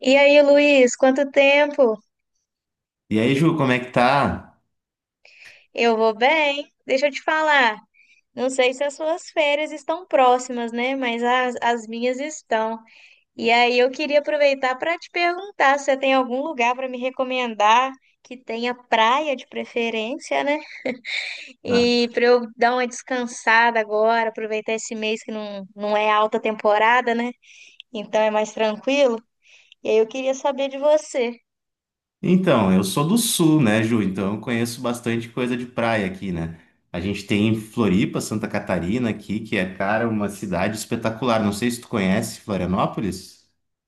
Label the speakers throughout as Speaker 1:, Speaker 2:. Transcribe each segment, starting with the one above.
Speaker 1: E aí, Luiz, quanto tempo?
Speaker 2: E aí, Ju, como é que tá?
Speaker 1: Eu vou bem. Deixa eu te falar. Não sei se as suas férias estão próximas, né? Mas as minhas estão. E aí, eu queria aproveitar para te perguntar se você tem algum lugar para me recomendar que tenha praia de preferência, né? E para eu dar uma descansada agora, aproveitar esse mês que não é alta temporada, né? Então é mais tranquilo. E aí, eu queria saber de você.
Speaker 2: Então, eu sou do sul, né, Ju? Então eu conheço bastante coisa de praia aqui, né? A gente tem Floripa, Santa Catarina aqui, que é, cara, uma cidade espetacular. Não sei se tu conhece Florianópolis.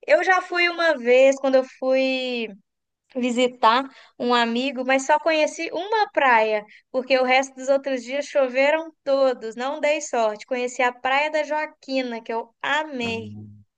Speaker 1: Eu já fui uma vez, quando eu fui visitar um amigo, mas só conheci uma praia, porque o resto dos outros dias choveram todos, não dei sorte. Conheci a Praia da Joaquina, que eu amei.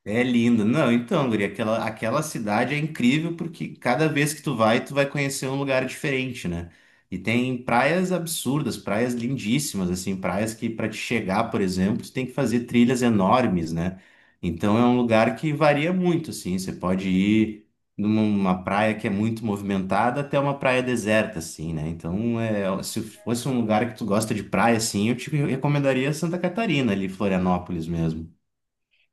Speaker 2: É lindo. Não, então, Guri, aquela cidade é incrível porque cada vez que tu vai conhecer um lugar diferente, né? E tem praias absurdas, praias lindíssimas, assim, praias que para te chegar, por exemplo, tu tem que fazer trilhas enormes, né? Então é um lugar que varia muito, assim. Você pode ir numa praia que é muito movimentada até uma praia deserta, assim, né? Então, é, se fosse um lugar que tu gosta de praia, assim, eu te recomendaria Santa Catarina, ali, Florianópolis mesmo.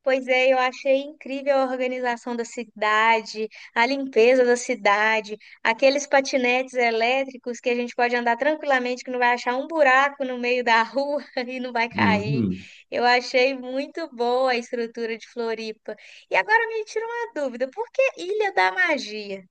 Speaker 1: Pois é, eu achei incrível a organização da cidade, a limpeza da cidade, aqueles patinetes elétricos que a gente pode andar tranquilamente, que não vai achar um buraco no meio da rua e não vai cair.
Speaker 2: Uhum.
Speaker 1: Eu achei muito boa a estrutura de Floripa. E agora me tira uma dúvida, por que Ilha da Magia?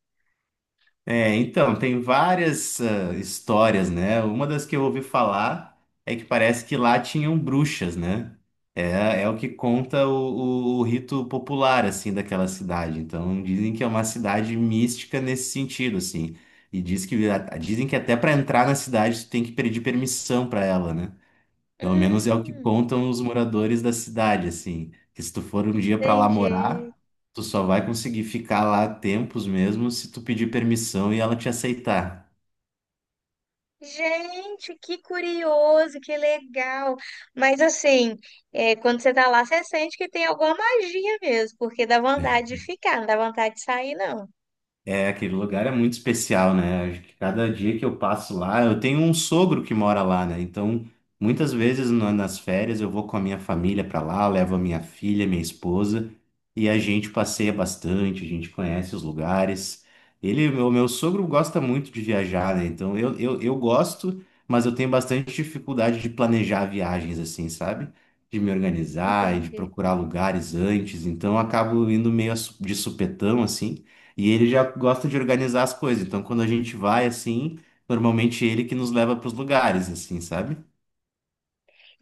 Speaker 2: É, então, tem várias histórias, né? Uma das que eu ouvi falar é que parece que lá tinham bruxas, né? É, é o que conta o rito popular, assim, daquela cidade. Então, dizem que é uma cidade mística nesse sentido, assim. E diz que, dizem que até para entrar na cidade tu tem que pedir permissão para ela, né? Pelo menos é o que
Speaker 1: Hum,
Speaker 2: contam os moradores da cidade, assim, que se tu for um dia para lá
Speaker 1: entendi.
Speaker 2: morar, tu só vai conseguir ficar lá tempos mesmo se tu pedir permissão e ela te aceitar.
Speaker 1: Gente, que curioso, que legal. Mas assim, quando você tá lá, você sente que tem alguma magia mesmo, porque dá vontade de ficar, não dá vontade de sair, não.
Speaker 2: É, aquele lugar é muito especial, né? Acho que cada dia que eu passo lá, eu tenho um sogro que mora lá, né? Então, muitas vezes nas férias eu vou com a minha família para lá, levo a minha filha, minha esposa, e a gente passeia bastante, a gente conhece os lugares. Ele, o meu, sogro gosta muito de viajar, né? Então, eu gosto, mas eu tenho bastante dificuldade de planejar viagens assim, sabe? De me organizar e de
Speaker 1: Entendi.
Speaker 2: procurar lugares antes. Então, eu acabo indo meio de supetão, assim. E ele já gosta de organizar as coisas. Então, quando a gente vai assim, normalmente é ele que nos leva para os lugares, assim, sabe?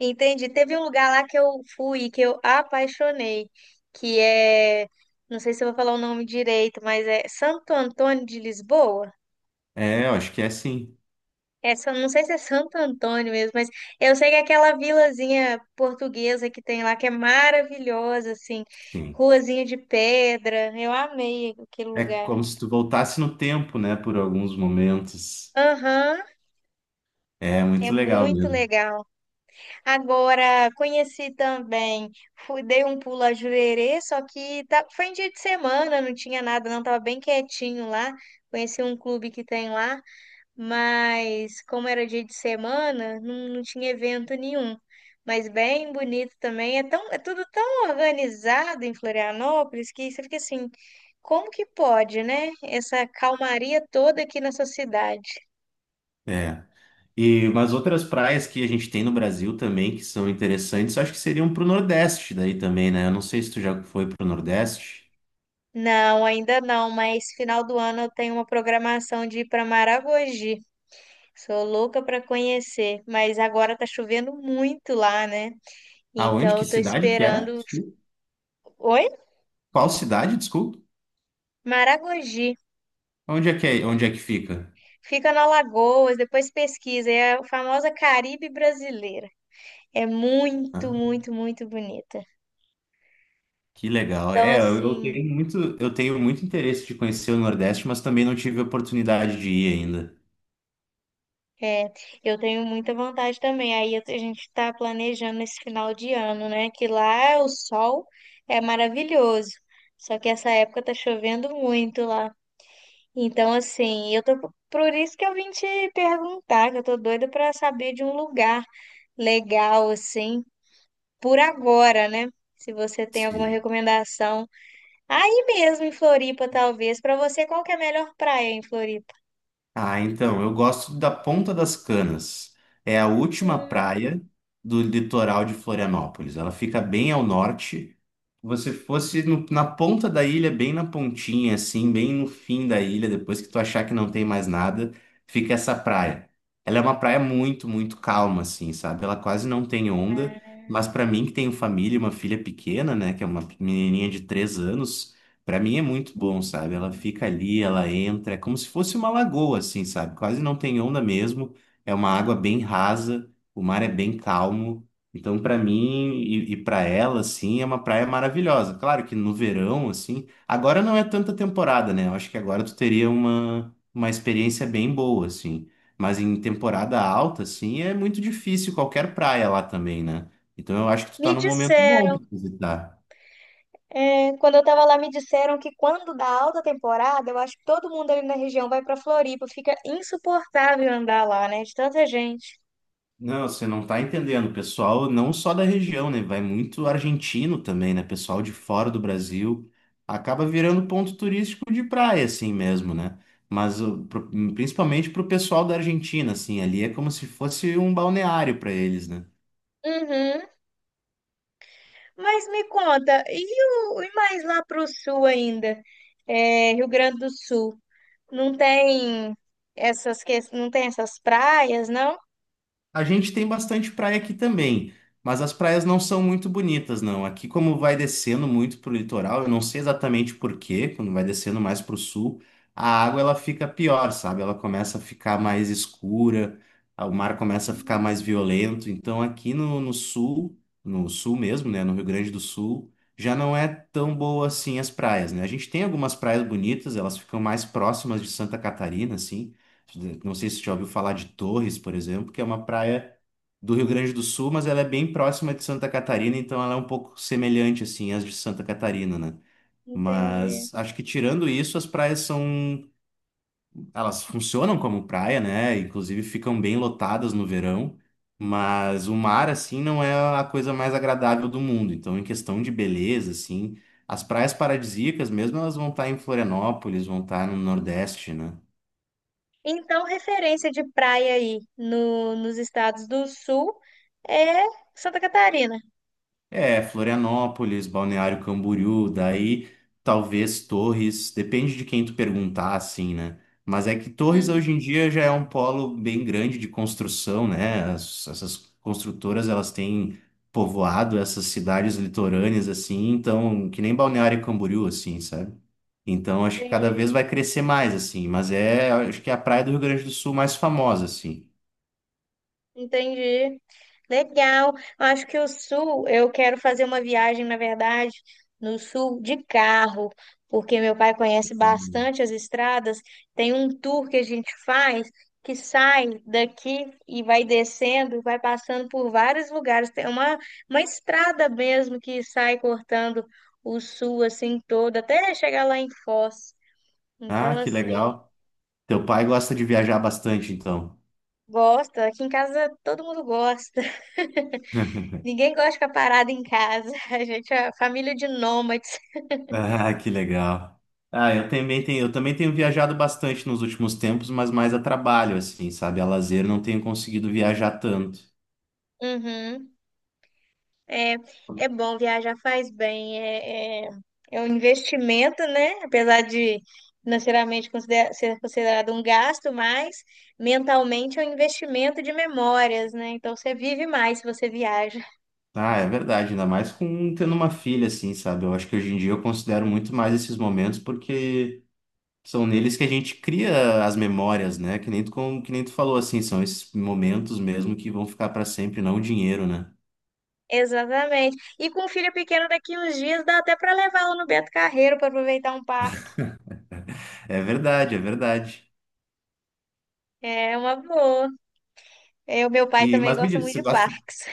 Speaker 1: Entendi. Teve um lugar lá que eu fui, que eu apaixonei, que é, não sei se eu vou falar o nome direito, mas é Santo Antônio de Lisboa.
Speaker 2: É, eu acho que é assim.
Speaker 1: É, não sei se é Santo Antônio mesmo, mas eu sei que é aquela vilazinha portuguesa que tem lá, que é maravilhosa, assim,
Speaker 2: Sim.
Speaker 1: ruazinha de pedra. Eu amei aquele
Speaker 2: É
Speaker 1: lugar.
Speaker 2: como se tu voltasse no tempo, né? Por alguns momentos.
Speaker 1: Aham,
Speaker 2: É
Speaker 1: é
Speaker 2: muito legal
Speaker 1: muito
Speaker 2: mesmo.
Speaker 1: legal. Agora, conheci também, fui, dei um pulo a Jurerê, só que tá, foi em dia de semana, não tinha nada, não, tava bem quietinho lá. Conheci um clube que tem lá, mas como era dia de semana, não tinha evento nenhum. Mas bem bonito também. É tão, é tudo tão organizado em Florianópolis que você fica assim, como que pode, né? Essa calmaria toda aqui nessa cidade.
Speaker 2: É. E umas outras praias que a gente tem no Brasil também que são interessantes, eu acho que seriam pro Nordeste daí também, né? Eu não sei se tu já foi pro Nordeste.
Speaker 1: Não, ainda não, mas final do ano eu tenho uma programação de ir para Maragogi. Sou louca para conhecer, mas agora tá chovendo muito lá, né?
Speaker 2: Aonde?
Speaker 1: Então
Speaker 2: Que
Speaker 1: eu tô
Speaker 2: cidade que é?
Speaker 1: esperando.
Speaker 2: Desculpa.
Speaker 1: Oi?
Speaker 2: Qual cidade? Desculpa.
Speaker 1: Maragogi.
Speaker 2: Onde é que é? Onde é que fica?
Speaker 1: Fica na Alagoas, depois pesquisa. É a famosa Caribe brasileira. É muito, muito, muito bonita.
Speaker 2: Que legal.
Speaker 1: Então,
Speaker 2: É, eu
Speaker 1: assim,
Speaker 2: tenho muito, eu tenho muito interesse de conhecer o Nordeste, mas também não tive a oportunidade de ir ainda.
Speaker 1: é, eu tenho muita vontade também. Aí a gente está planejando esse final de ano, né? Que lá o sol é maravilhoso. Só que essa época tá chovendo muito lá. Então, assim, eu tô. Por isso que eu vim te perguntar, que eu tô doida para saber de um lugar legal, assim, por agora, né? Se você tem alguma
Speaker 2: Sim.
Speaker 1: recomendação. Aí mesmo em Floripa, talvez. Pra você, qual que é a melhor praia em Floripa?
Speaker 2: Ah, então, eu gosto da Ponta das Canas. É a última praia
Speaker 1: Hum,
Speaker 2: do litoral de Florianópolis. Ela fica bem ao norte. Você fosse na ponta da ilha, bem na pontinha, assim, bem no fim da ilha, depois que tu achar que não tem mais nada, fica essa praia. Ela é uma praia muito, muito calma, assim, sabe? Ela quase não tem onda, mas para mim que tenho família, e uma filha pequena, né, que é uma menininha de 3 anos. Pra mim é muito bom, sabe? Ela fica ali, ela entra, é como se fosse uma lagoa, assim, sabe? Quase não tem onda mesmo. É uma água bem rasa, o mar é bem calmo. Então, pra mim e para ela, assim, é uma praia maravilhosa. Claro que no verão, assim, agora não é tanta temporada, né? Eu acho que agora tu teria uma experiência bem boa, assim. Mas em temporada alta, assim, é muito difícil qualquer praia lá também, né? Então, eu acho que tu
Speaker 1: me
Speaker 2: tá num momento bom
Speaker 1: disseram,
Speaker 2: pra visitar.
Speaker 1: é, quando eu tava lá, me disseram que quando dá alta temporada, eu acho que todo mundo ali na região vai pra Floripa. Fica insuportável andar lá, né? De tanta gente.
Speaker 2: Não, você não tá entendendo, pessoal, não só da região, né? Vai muito argentino também, né? Pessoal de fora do Brasil acaba virando ponto turístico de praia, assim mesmo, né? Mas o- pro- Principalmente pro pessoal da Argentina, assim, ali é como se fosse um balneário para eles, né?
Speaker 1: Uhum. Mas me conta, e mais lá pro sul ainda? É, Rio Grande do Sul. Não tem essas, não tem essas praias, não?
Speaker 2: A gente tem bastante praia aqui também, mas as praias não são muito bonitas, não. Aqui, como vai descendo muito pro litoral, eu não sei exatamente por quê, quando vai descendo mais pro sul, a água ela fica pior, sabe? Ela começa a ficar mais escura, o mar começa a ficar mais violento. Então, aqui no sul, no sul mesmo, né, no Rio Grande do Sul, já não é tão boa assim as praias, né? A gente tem algumas praias bonitas, elas ficam mais próximas de Santa Catarina, assim. Não sei se você já ouviu falar de Torres, por exemplo, que é uma praia do Rio Grande do Sul, mas ela é bem próxima de Santa Catarina, então ela é um pouco semelhante assim às de Santa Catarina, né?
Speaker 1: Entendi.
Speaker 2: Mas acho que tirando isso, as praias são, elas funcionam como praia, né? Inclusive ficam bem lotadas no verão, mas o mar assim não é a coisa mais agradável do mundo. Então, em questão de beleza, assim, as praias paradisíacas mesmo, elas vão estar em Florianópolis, vão estar no Nordeste, né?
Speaker 1: Então, referência de praia aí no, nos estados do sul é Santa Catarina.
Speaker 2: É, Florianópolis, Balneário Camboriú, daí talvez Torres, depende de quem tu perguntar, assim, né? Mas é que Torres
Speaker 1: Uhum.
Speaker 2: hoje em dia já é um polo bem grande de construção, né? Essas construtoras, elas têm povoado essas cidades litorâneas, assim, então, que nem Balneário Camboriú, assim, sabe? Então, acho que cada
Speaker 1: Entendi.
Speaker 2: vez vai crescer mais, assim, mas é, acho que é a praia do Rio Grande do Sul mais famosa, assim.
Speaker 1: Entendi. Legal. Acho que o sul, eu quero fazer uma viagem, na verdade, no sul de carro, porque meu pai conhece
Speaker 2: Hum.
Speaker 1: bastante as estradas. Tem um tour que a gente faz que sai daqui e vai descendo, vai passando por vários lugares. Tem uma estrada mesmo que sai cortando o sul assim todo, até chegar lá em Foz. Então,
Speaker 2: Ah, que
Speaker 1: assim,
Speaker 2: legal. Teu pai gosta de viajar bastante, então.
Speaker 1: gosta. Aqui em casa todo mundo gosta. Ninguém gosta de ficar parado em casa. A gente é família de nômades.
Speaker 2: Ah, que legal. Ah, eu também tenho viajado bastante nos últimos tempos, mas mais a trabalho, assim, sabe? A lazer não tenho conseguido viajar tanto.
Speaker 1: Uhum. É, é bom viajar, faz bem. É, é, é um investimento, né? Apesar de financeiramente ser considerado um gasto, mas mentalmente é um investimento de memórias, né? Então você vive mais se você viaja.
Speaker 2: Ah, é verdade, ainda mais com tendo uma filha, assim, sabe? Eu acho que hoje em dia eu considero muito mais esses momentos porque são neles que a gente cria as memórias, né? Que nem tu falou, assim, são esses momentos mesmo que vão ficar para sempre, não o dinheiro, né?
Speaker 1: Exatamente. E com um filho pequeno daqui uns dias, dá até para levá-lo no Beto Carreiro para aproveitar um parque.
Speaker 2: É verdade, é verdade.
Speaker 1: É uma boa. É, o meu pai
Speaker 2: E,
Speaker 1: também
Speaker 2: mas me
Speaker 1: gosta
Speaker 2: diz, você
Speaker 1: muito de
Speaker 2: gosta
Speaker 1: parques.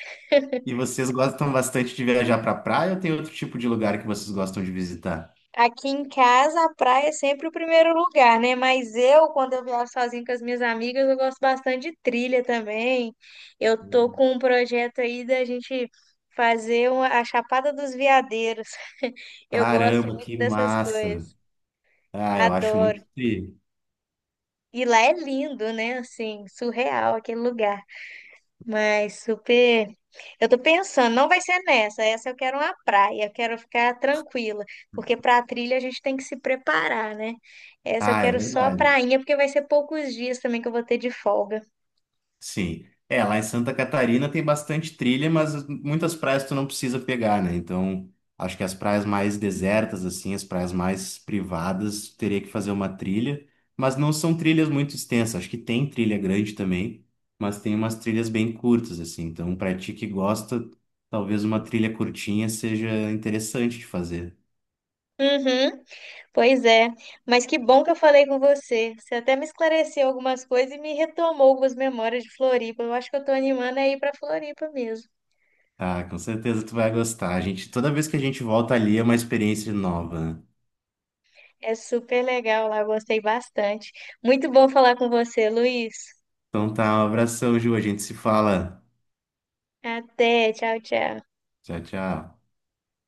Speaker 2: E vocês gostam bastante de viajar pra praia ou tem outro tipo de lugar que vocês gostam de visitar?
Speaker 1: Aqui em casa, a praia é sempre o primeiro lugar, né? Mas eu, quando eu viajo sozinho com as minhas amigas, eu gosto bastante de trilha também. Eu tô com um projeto aí da gente fazer a Chapada dos Veadeiros. Eu gosto
Speaker 2: Caramba,
Speaker 1: muito
Speaker 2: que
Speaker 1: dessas
Speaker 2: massa!
Speaker 1: coisas,
Speaker 2: Ah, eu acho
Speaker 1: adoro.
Speaker 2: muito tri.
Speaker 1: E lá é lindo, né? Assim, surreal aquele lugar. Mas super. Eu tô pensando, não vai ser nessa. Essa eu quero uma praia, eu quero ficar tranquila, porque pra trilha a gente tem que se preparar, né? Essa eu
Speaker 2: Ah, é
Speaker 1: quero só a
Speaker 2: verdade.
Speaker 1: prainha, porque vai ser poucos dias também que eu vou ter de folga.
Speaker 2: Sim. É, lá em Santa Catarina tem bastante trilha, mas muitas praias tu não precisa pegar, né? Então, acho que as praias mais desertas, assim, as praias mais privadas, teria que fazer uma trilha, mas não são trilhas muito extensas. Acho que tem trilha grande também, mas tem umas trilhas bem curtas, assim. Então, pra ti que gosta, talvez uma trilha curtinha seja interessante de fazer.
Speaker 1: Uhum, pois é. Mas que bom que eu falei com você. Você até me esclareceu algumas coisas e me retomou algumas memórias de Floripa. Eu acho que eu tô animando a ir pra Floripa mesmo.
Speaker 2: Ah, com certeza tu vai gostar. A gente, toda vez que a gente volta ali é uma experiência nova. Né?
Speaker 1: É super legal lá, gostei bastante. Muito bom falar com você, Luiz.
Speaker 2: Então tá, um abração, Ju. A gente se fala.
Speaker 1: Até, tchau, tchau.
Speaker 2: Tchau, tchau.